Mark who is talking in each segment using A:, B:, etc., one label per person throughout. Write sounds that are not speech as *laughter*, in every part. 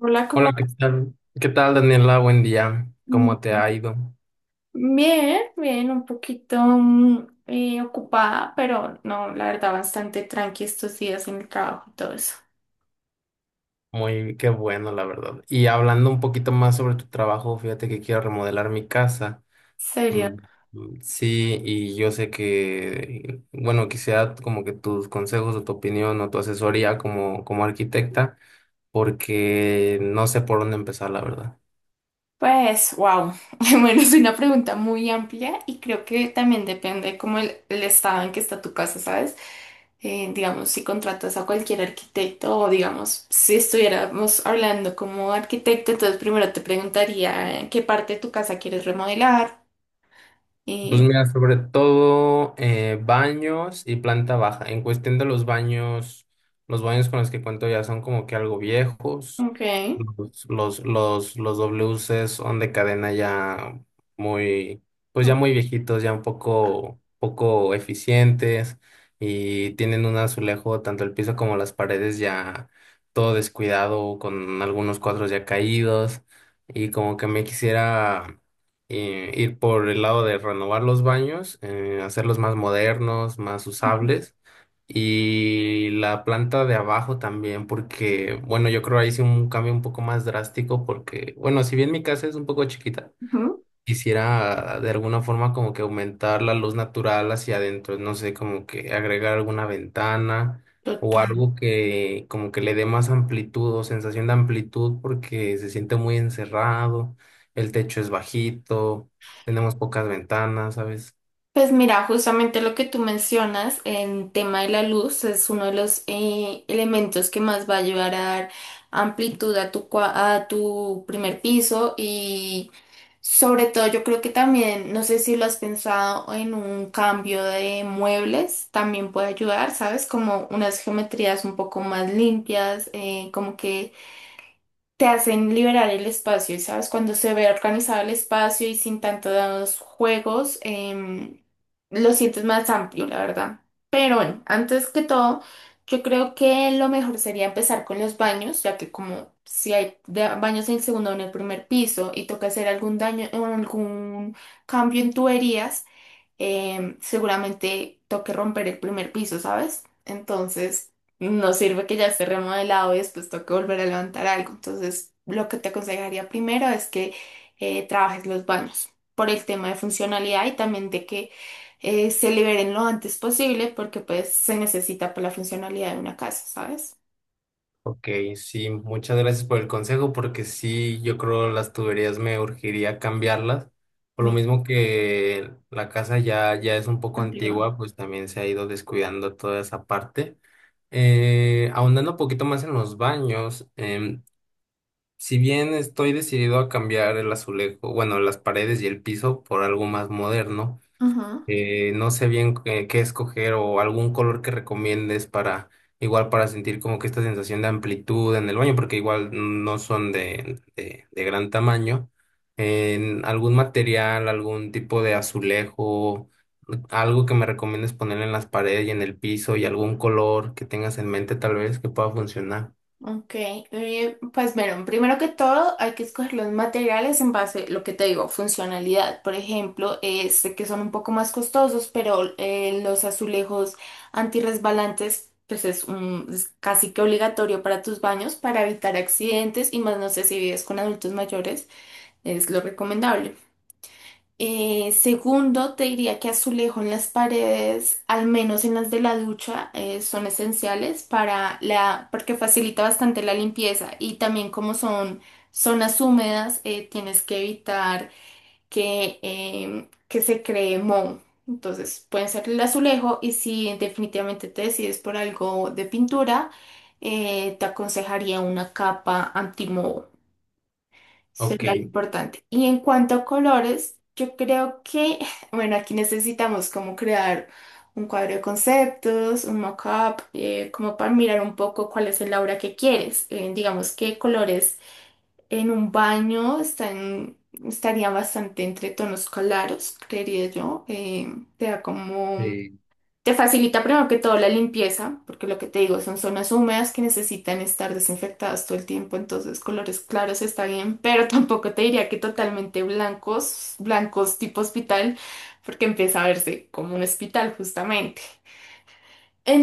A: Hola, ¿cómo
B: Hola, ¿qué
A: vas?
B: tal? ¿Qué tal, Daniela? Buen día. ¿Cómo te ha ido?
A: Bien, bien, un poquito ocupada, pero no, la verdad, bastante tranqui estos días en el trabajo y todo eso.
B: Qué bueno, la verdad. Y hablando un poquito más sobre tu trabajo, fíjate que quiero remodelar mi casa. Mm,
A: ¿Serio?
B: mm, sí, y yo sé que, bueno, quisiera como que tus consejos o tu opinión o tu asesoría como arquitecta, porque no sé por dónde empezar, la verdad.
A: Pues, wow. *laughs* Bueno, es una pregunta muy amplia y creo que también depende como el estado en que está tu casa, ¿sabes? Digamos, si contratas a cualquier arquitecto o digamos, si estuviéramos hablando como arquitecto, entonces primero te preguntaría qué parte de tu casa quieres remodelar.
B: Pues
A: Y,
B: mira, sobre todo baños y planta baja. En cuestión de los baños con los que cuento ya son como que algo viejos.
A: ok.
B: Los WC son de cadena ya muy, pues ya muy viejitos, ya un poco eficientes y tienen un azulejo, tanto el piso como las paredes ya todo descuidado, con algunos cuadros ya caídos y como que me quisiera ir por el lado de renovar los baños, hacerlos más modernos, más usables y la planta de abajo también, porque, bueno, yo creo ahí sí un cambio un poco más drástico, porque, bueno, si bien mi casa es un poco chiquita,
A: Ujú.
B: quisiera de alguna forma como que aumentar la luz natural hacia adentro, no sé, como que agregar alguna ventana o
A: Total.
B: algo que como que le dé más amplitud o sensación de amplitud, porque se siente muy encerrado, el techo es bajito, tenemos pocas ventanas, ¿sabes?
A: Pues mira, justamente lo que tú mencionas en tema de la luz es uno de los elementos que más va a ayudar a dar amplitud a tu, a tu primer piso y sobre todo yo creo que también, no sé si lo has pensado en un cambio de muebles, también puede ayudar, ¿sabes? Como unas geometrías un poco más limpias, como que... te hacen liberar el espacio, y sabes, cuando se ve organizado el espacio y sin tantos juegos, lo sientes más amplio, la verdad. Pero bueno, antes que todo, yo creo que lo mejor sería empezar con los baños, ya que como si hay baños en el segundo o en el primer piso y toca hacer algún daño o algún cambio en tuberías, seguramente toque romper el primer piso, ¿sabes? Entonces, no sirve que ya esté remodelado y después toque volver a levantar algo. Entonces, lo que te aconsejaría primero es que trabajes los baños por el tema de funcionalidad y también de que se liberen lo antes posible porque pues se necesita por la funcionalidad de una casa, ¿sabes?
B: Ok, sí, muchas gracias por el consejo, porque sí, yo creo las tuberías me urgiría cambiarlas. Por lo
A: Mm.
B: mismo que la casa ya es un poco
A: Amplio.
B: antigua, pues también se ha ido descuidando toda esa parte. Ahondando un poquito más en los baños, si bien estoy decidido a cambiar el azulejo, bueno, las paredes y el piso por algo más moderno,
A: Ujú.
B: no sé bien qué escoger o algún color que recomiendes para igual para sentir como que esta sensación de amplitud en el baño, porque igual no son de gran tamaño. En algún material, algún tipo de azulejo, algo que me recomiendes poner en las paredes y en el piso y algún color que tengas en mente tal vez que pueda funcionar.
A: Ok, pues bueno, primero que todo hay que escoger los materiales en base, lo que te digo, funcionalidad. Por ejemplo, sé que son un poco más costosos, pero los azulejos antirresbalantes, pues es, un, es casi que obligatorio para tus baños para evitar accidentes y más no sé si vives con adultos mayores, es lo recomendable. Segundo, te diría que azulejo en las paredes, al menos en las de la ducha, son esenciales para la, porque facilita bastante la limpieza y también como son zonas húmedas, tienes que evitar que se cree moho. Entonces, pueden ser el azulejo y si definitivamente te decides por algo de pintura, te aconsejaría una capa antimoho.
B: Ok.
A: Sería lo importante. Y en cuanto a colores, yo creo que, *sighs* *laughs* bueno, aquí necesitamos como crear un cuadro de conceptos, un mock-up, como para mirar un poco cuál es el aura que quieres. Digamos que colores en un baño están, estaría bastante entre tonos claros, creería yo. Te da como
B: Eh,
A: te facilita primero que todo la limpieza, porque lo que te digo son zonas húmedas que necesitan estar desinfectadas todo el tiempo, entonces colores claros está bien, pero *laughs* tampoco te diría que totalmente blancos, blancos tipo hospital, porque empieza a verse como un hospital justamente.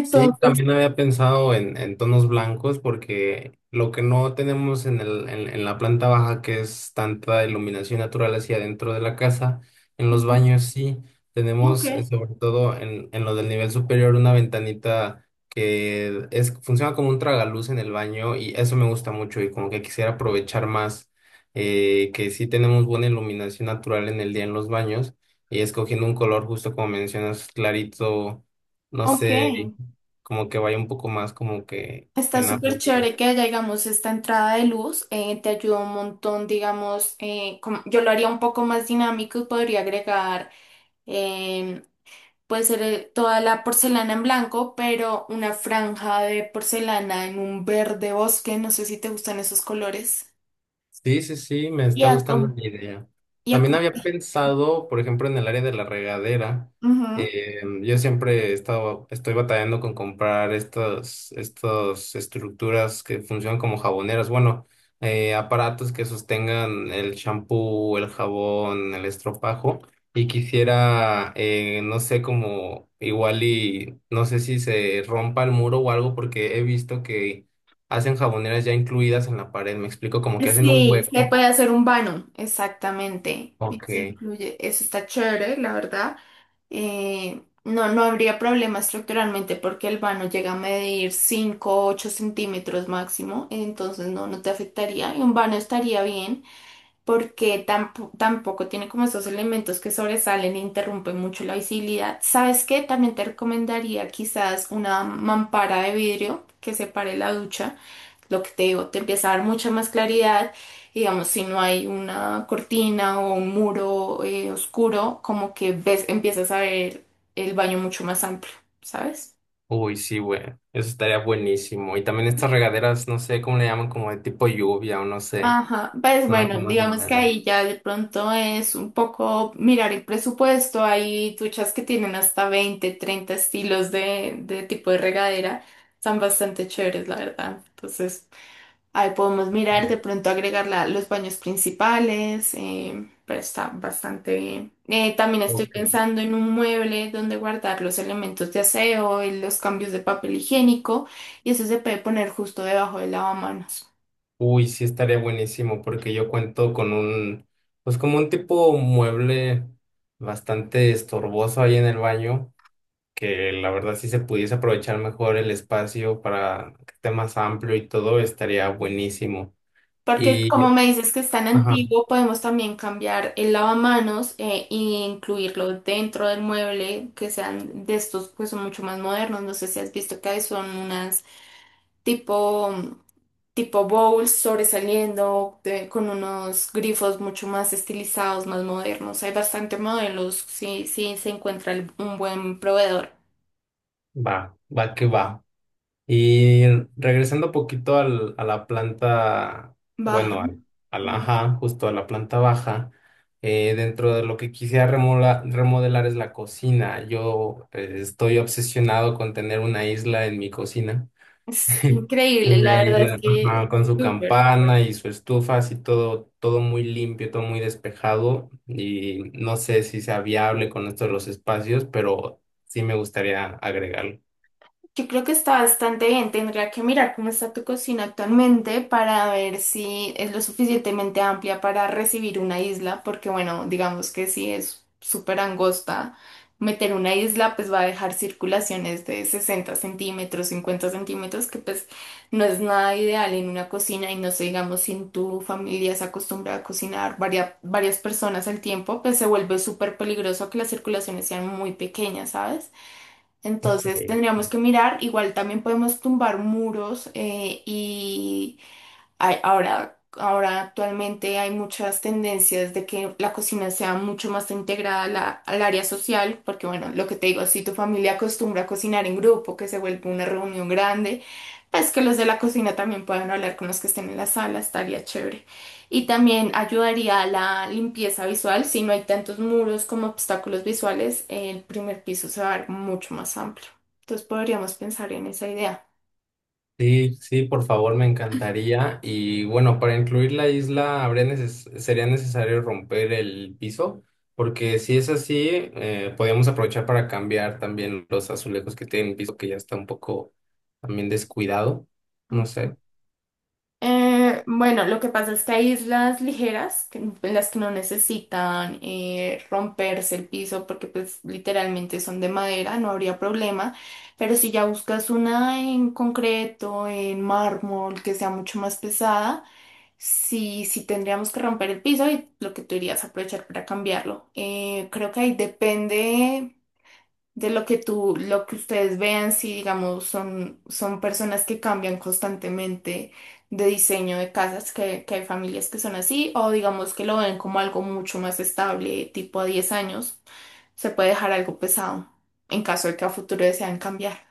B: Sí, también había pensado en, tonos blancos porque lo que no tenemos en la planta baja, que es tanta iluminación natural hacia adentro de la casa, en los
A: ujú.
B: baños sí tenemos,
A: Ok,
B: sobre todo en lo del nivel superior, una ventanita funciona como un tragaluz en el baño y eso me gusta mucho y como que quisiera aprovechar más que sí tenemos buena iluminación natural en el día en los baños y escogiendo un color justo como mencionas, clarito. No
A: ok.
B: sé, como que vaya un poco más como que
A: Está
B: en
A: súper
B: armonía.
A: chévere que haya, digamos, esta entrada de luz, te ayuda un montón, digamos, yo lo haría un poco más dinámico y podría agregar em, puede ser toda la porcelana en blanco, pero una franja de porcelana en un verde bosque. No sé si te gustan esos colores.
B: Sí, sí, sí, me
A: Y
B: está
A: a
B: gustando
A: com-
B: la idea.
A: y a
B: También
A: com-
B: había pensado, por ejemplo, en el área de la regadera.
A: ujú.
B: Yo siempre estoy batallando con comprar estas estructuras que funcionan como jaboneras. Bueno, aparatos que sostengan el champú, el jabón, el estropajo. Y quisiera, no sé, como igual y no sé si se rompa el muro o algo, porque he visto que hacen jaboneras ya incluidas en la pared, me explico, como que hacen un
A: Sí, se
B: hueco.
A: puede hacer un vano, exactamente.
B: Ok.
A: Se incluye, eso está chévere, la verdad. No, no habría problema estructuralmente porque el vano llega a medir 5 o 8 centímetros máximo, entonces no, no te afectaría y un vano estaría bien. Porque tampoco tiene como esos elementos que sobresalen e interrumpen mucho la visibilidad. ¿Sabes qué? También te recomendaría quizás una mampara de vidrio que separe la ducha. Lo que te digo, te empieza a dar mucha más claridad. Y, digamos, si no hay una cortina o un muro oscuro, como que ves, empiezas a ver el baño mucho más amplio, ¿sabes?
B: Uy, sí, güey. Eso estaría buenísimo. Y también estas regaderas, no sé cómo le llaman, como de tipo lluvia o no sé,
A: Ajá, pues
B: una
A: bueno,
B: cosa más
A: digamos que
B: moderna.
A: ahí ya de pronto es un poco mirar el presupuesto. Hay duchas que tienen hasta 20, 30 estilos de tipo de regadera. Están bastante chéveres, la verdad. Entonces, ahí podemos mirar, de
B: Ok.
A: pronto agregar los baños principales, pero está bastante bien. También estoy
B: Ok.
A: pensando en un mueble donde guardar los elementos de aseo y los cambios de papel higiénico, y eso se puede poner justo debajo del lavamanos.
B: Uy, sí estaría buenísimo porque yo cuento con pues como un tipo mueble bastante estorboso ahí en el baño, que la verdad si se pudiese aprovechar mejor el espacio para que esté más amplio y todo, estaría buenísimo.
A: Porque como
B: Y,
A: me dices que es tan
B: ajá.
A: antiguo, podemos también cambiar el lavamanos e incluirlo dentro del mueble, que sean de estos pues son mucho más modernos. No sé si has visto que son unas tipo, tipo bowls sobresaliendo con unos grifos mucho más estilizados, más modernos. Hay bastante modelos si se encuentra un buen proveedor.
B: Va, va que va. Y regresando un poquito a la planta,
A: Baja.
B: bueno, ajá, justo a la planta baja, dentro de lo que quisiera remodelar es la cocina. Yo estoy obsesionado con tener una isla en mi cocina.
A: Es
B: *laughs*
A: increíble, la
B: Una
A: verdad es
B: isla,
A: que es
B: ajá, con su
A: súper.
B: campana y su estufa, así todo, todo muy limpio, todo muy despejado. Y no sé si sea viable con esto de los espacios, pero sí me gustaría agregarlo.
A: Yo creo que está bastante bien. Tendría que mirar cómo está tu cocina actualmente para ver si es lo suficientemente amplia para recibir una isla, porque bueno, digamos que si es súper angosta, meter una isla pues va a dejar circulaciones de 60 centímetros, 50 centímetros, que pues no es nada ideal en una cocina y no sé, digamos, si en tu familia se acostumbra a cocinar varias, varias personas al tiempo, pues se vuelve súper peligroso que las circulaciones sean muy pequeñas, ¿sabes?
B: Ok.
A: Entonces tendríamos que mirar, igual también podemos tumbar muros y ahora, ahora actualmente hay muchas tendencias de que la cocina sea mucho más integrada a al área social, porque bueno, lo que te digo, si tu familia acostumbra a cocinar en grupo, que se vuelve una reunión grande, pues que los de la cocina también puedan hablar con los que estén en la sala, estaría chévere. Y también ayudaría a la limpieza visual, si no hay tantos muros como obstáculos visuales, el primer piso se va a ver mucho más amplio. Entonces podríamos pensar en esa idea.
B: Sí, sí, por favor, me encantaría. Y bueno, para incluir la isla habría sería necesario romper el piso, porque si es así, podríamos aprovechar para cambiar también los azulejos que tienen el piso, que ya está un poco también descuidado. No sé.
A: Bueno, lo que pasa es que hay islas ligeras, en las que no necesitan romperse el piso porque pues literalmente son de madera, no habría problema, pero si ya buscas una en concreto, en mármol, que sea mucho más pesada, sí, sí tendríamos que romper el piso y lo que tú irías a aprovechar para cambiarlo. Creo que ahí depende de lo que tú, lo que ustedes vean, si digamos son personas que cambian constantemente de diseño de casas, que hay familias que son así, o digamos que lo ven como algo mucho más estable, tipo a 10 años, se puede dejar algo pesado en caso de que a futuro desean cambiar.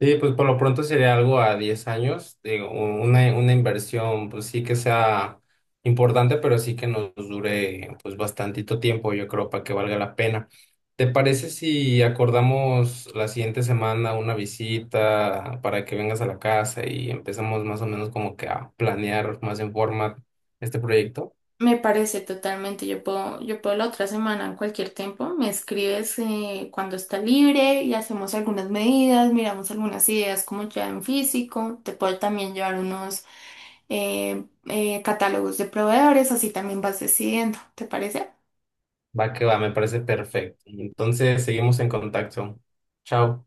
B: Sí, pues por lo pronto sería algo a 10 años, digo, una inversión, pues sí que sea importante, pero sí que nos dure pues bastantito tiempo, yo creo, para que valga la pena. ¿Te parece si acordamos la siguiente semana una visita para que vengas a la casa y empezamos más o menos como que a planear más en forma este proyecto?
A: Me parece totalmente, yo puedo la otra semana en cualquier tiempo, me escribes cuando está libre y hacemos algunas medidas, miramos algunas ideas como ya en físico, te puedo también llevar unos catálogos de proveedores, así también vas decidiendo, ¿te parece?
B: Va que va, me parece perfecto. Entonces, seguimos en contacto. Chao.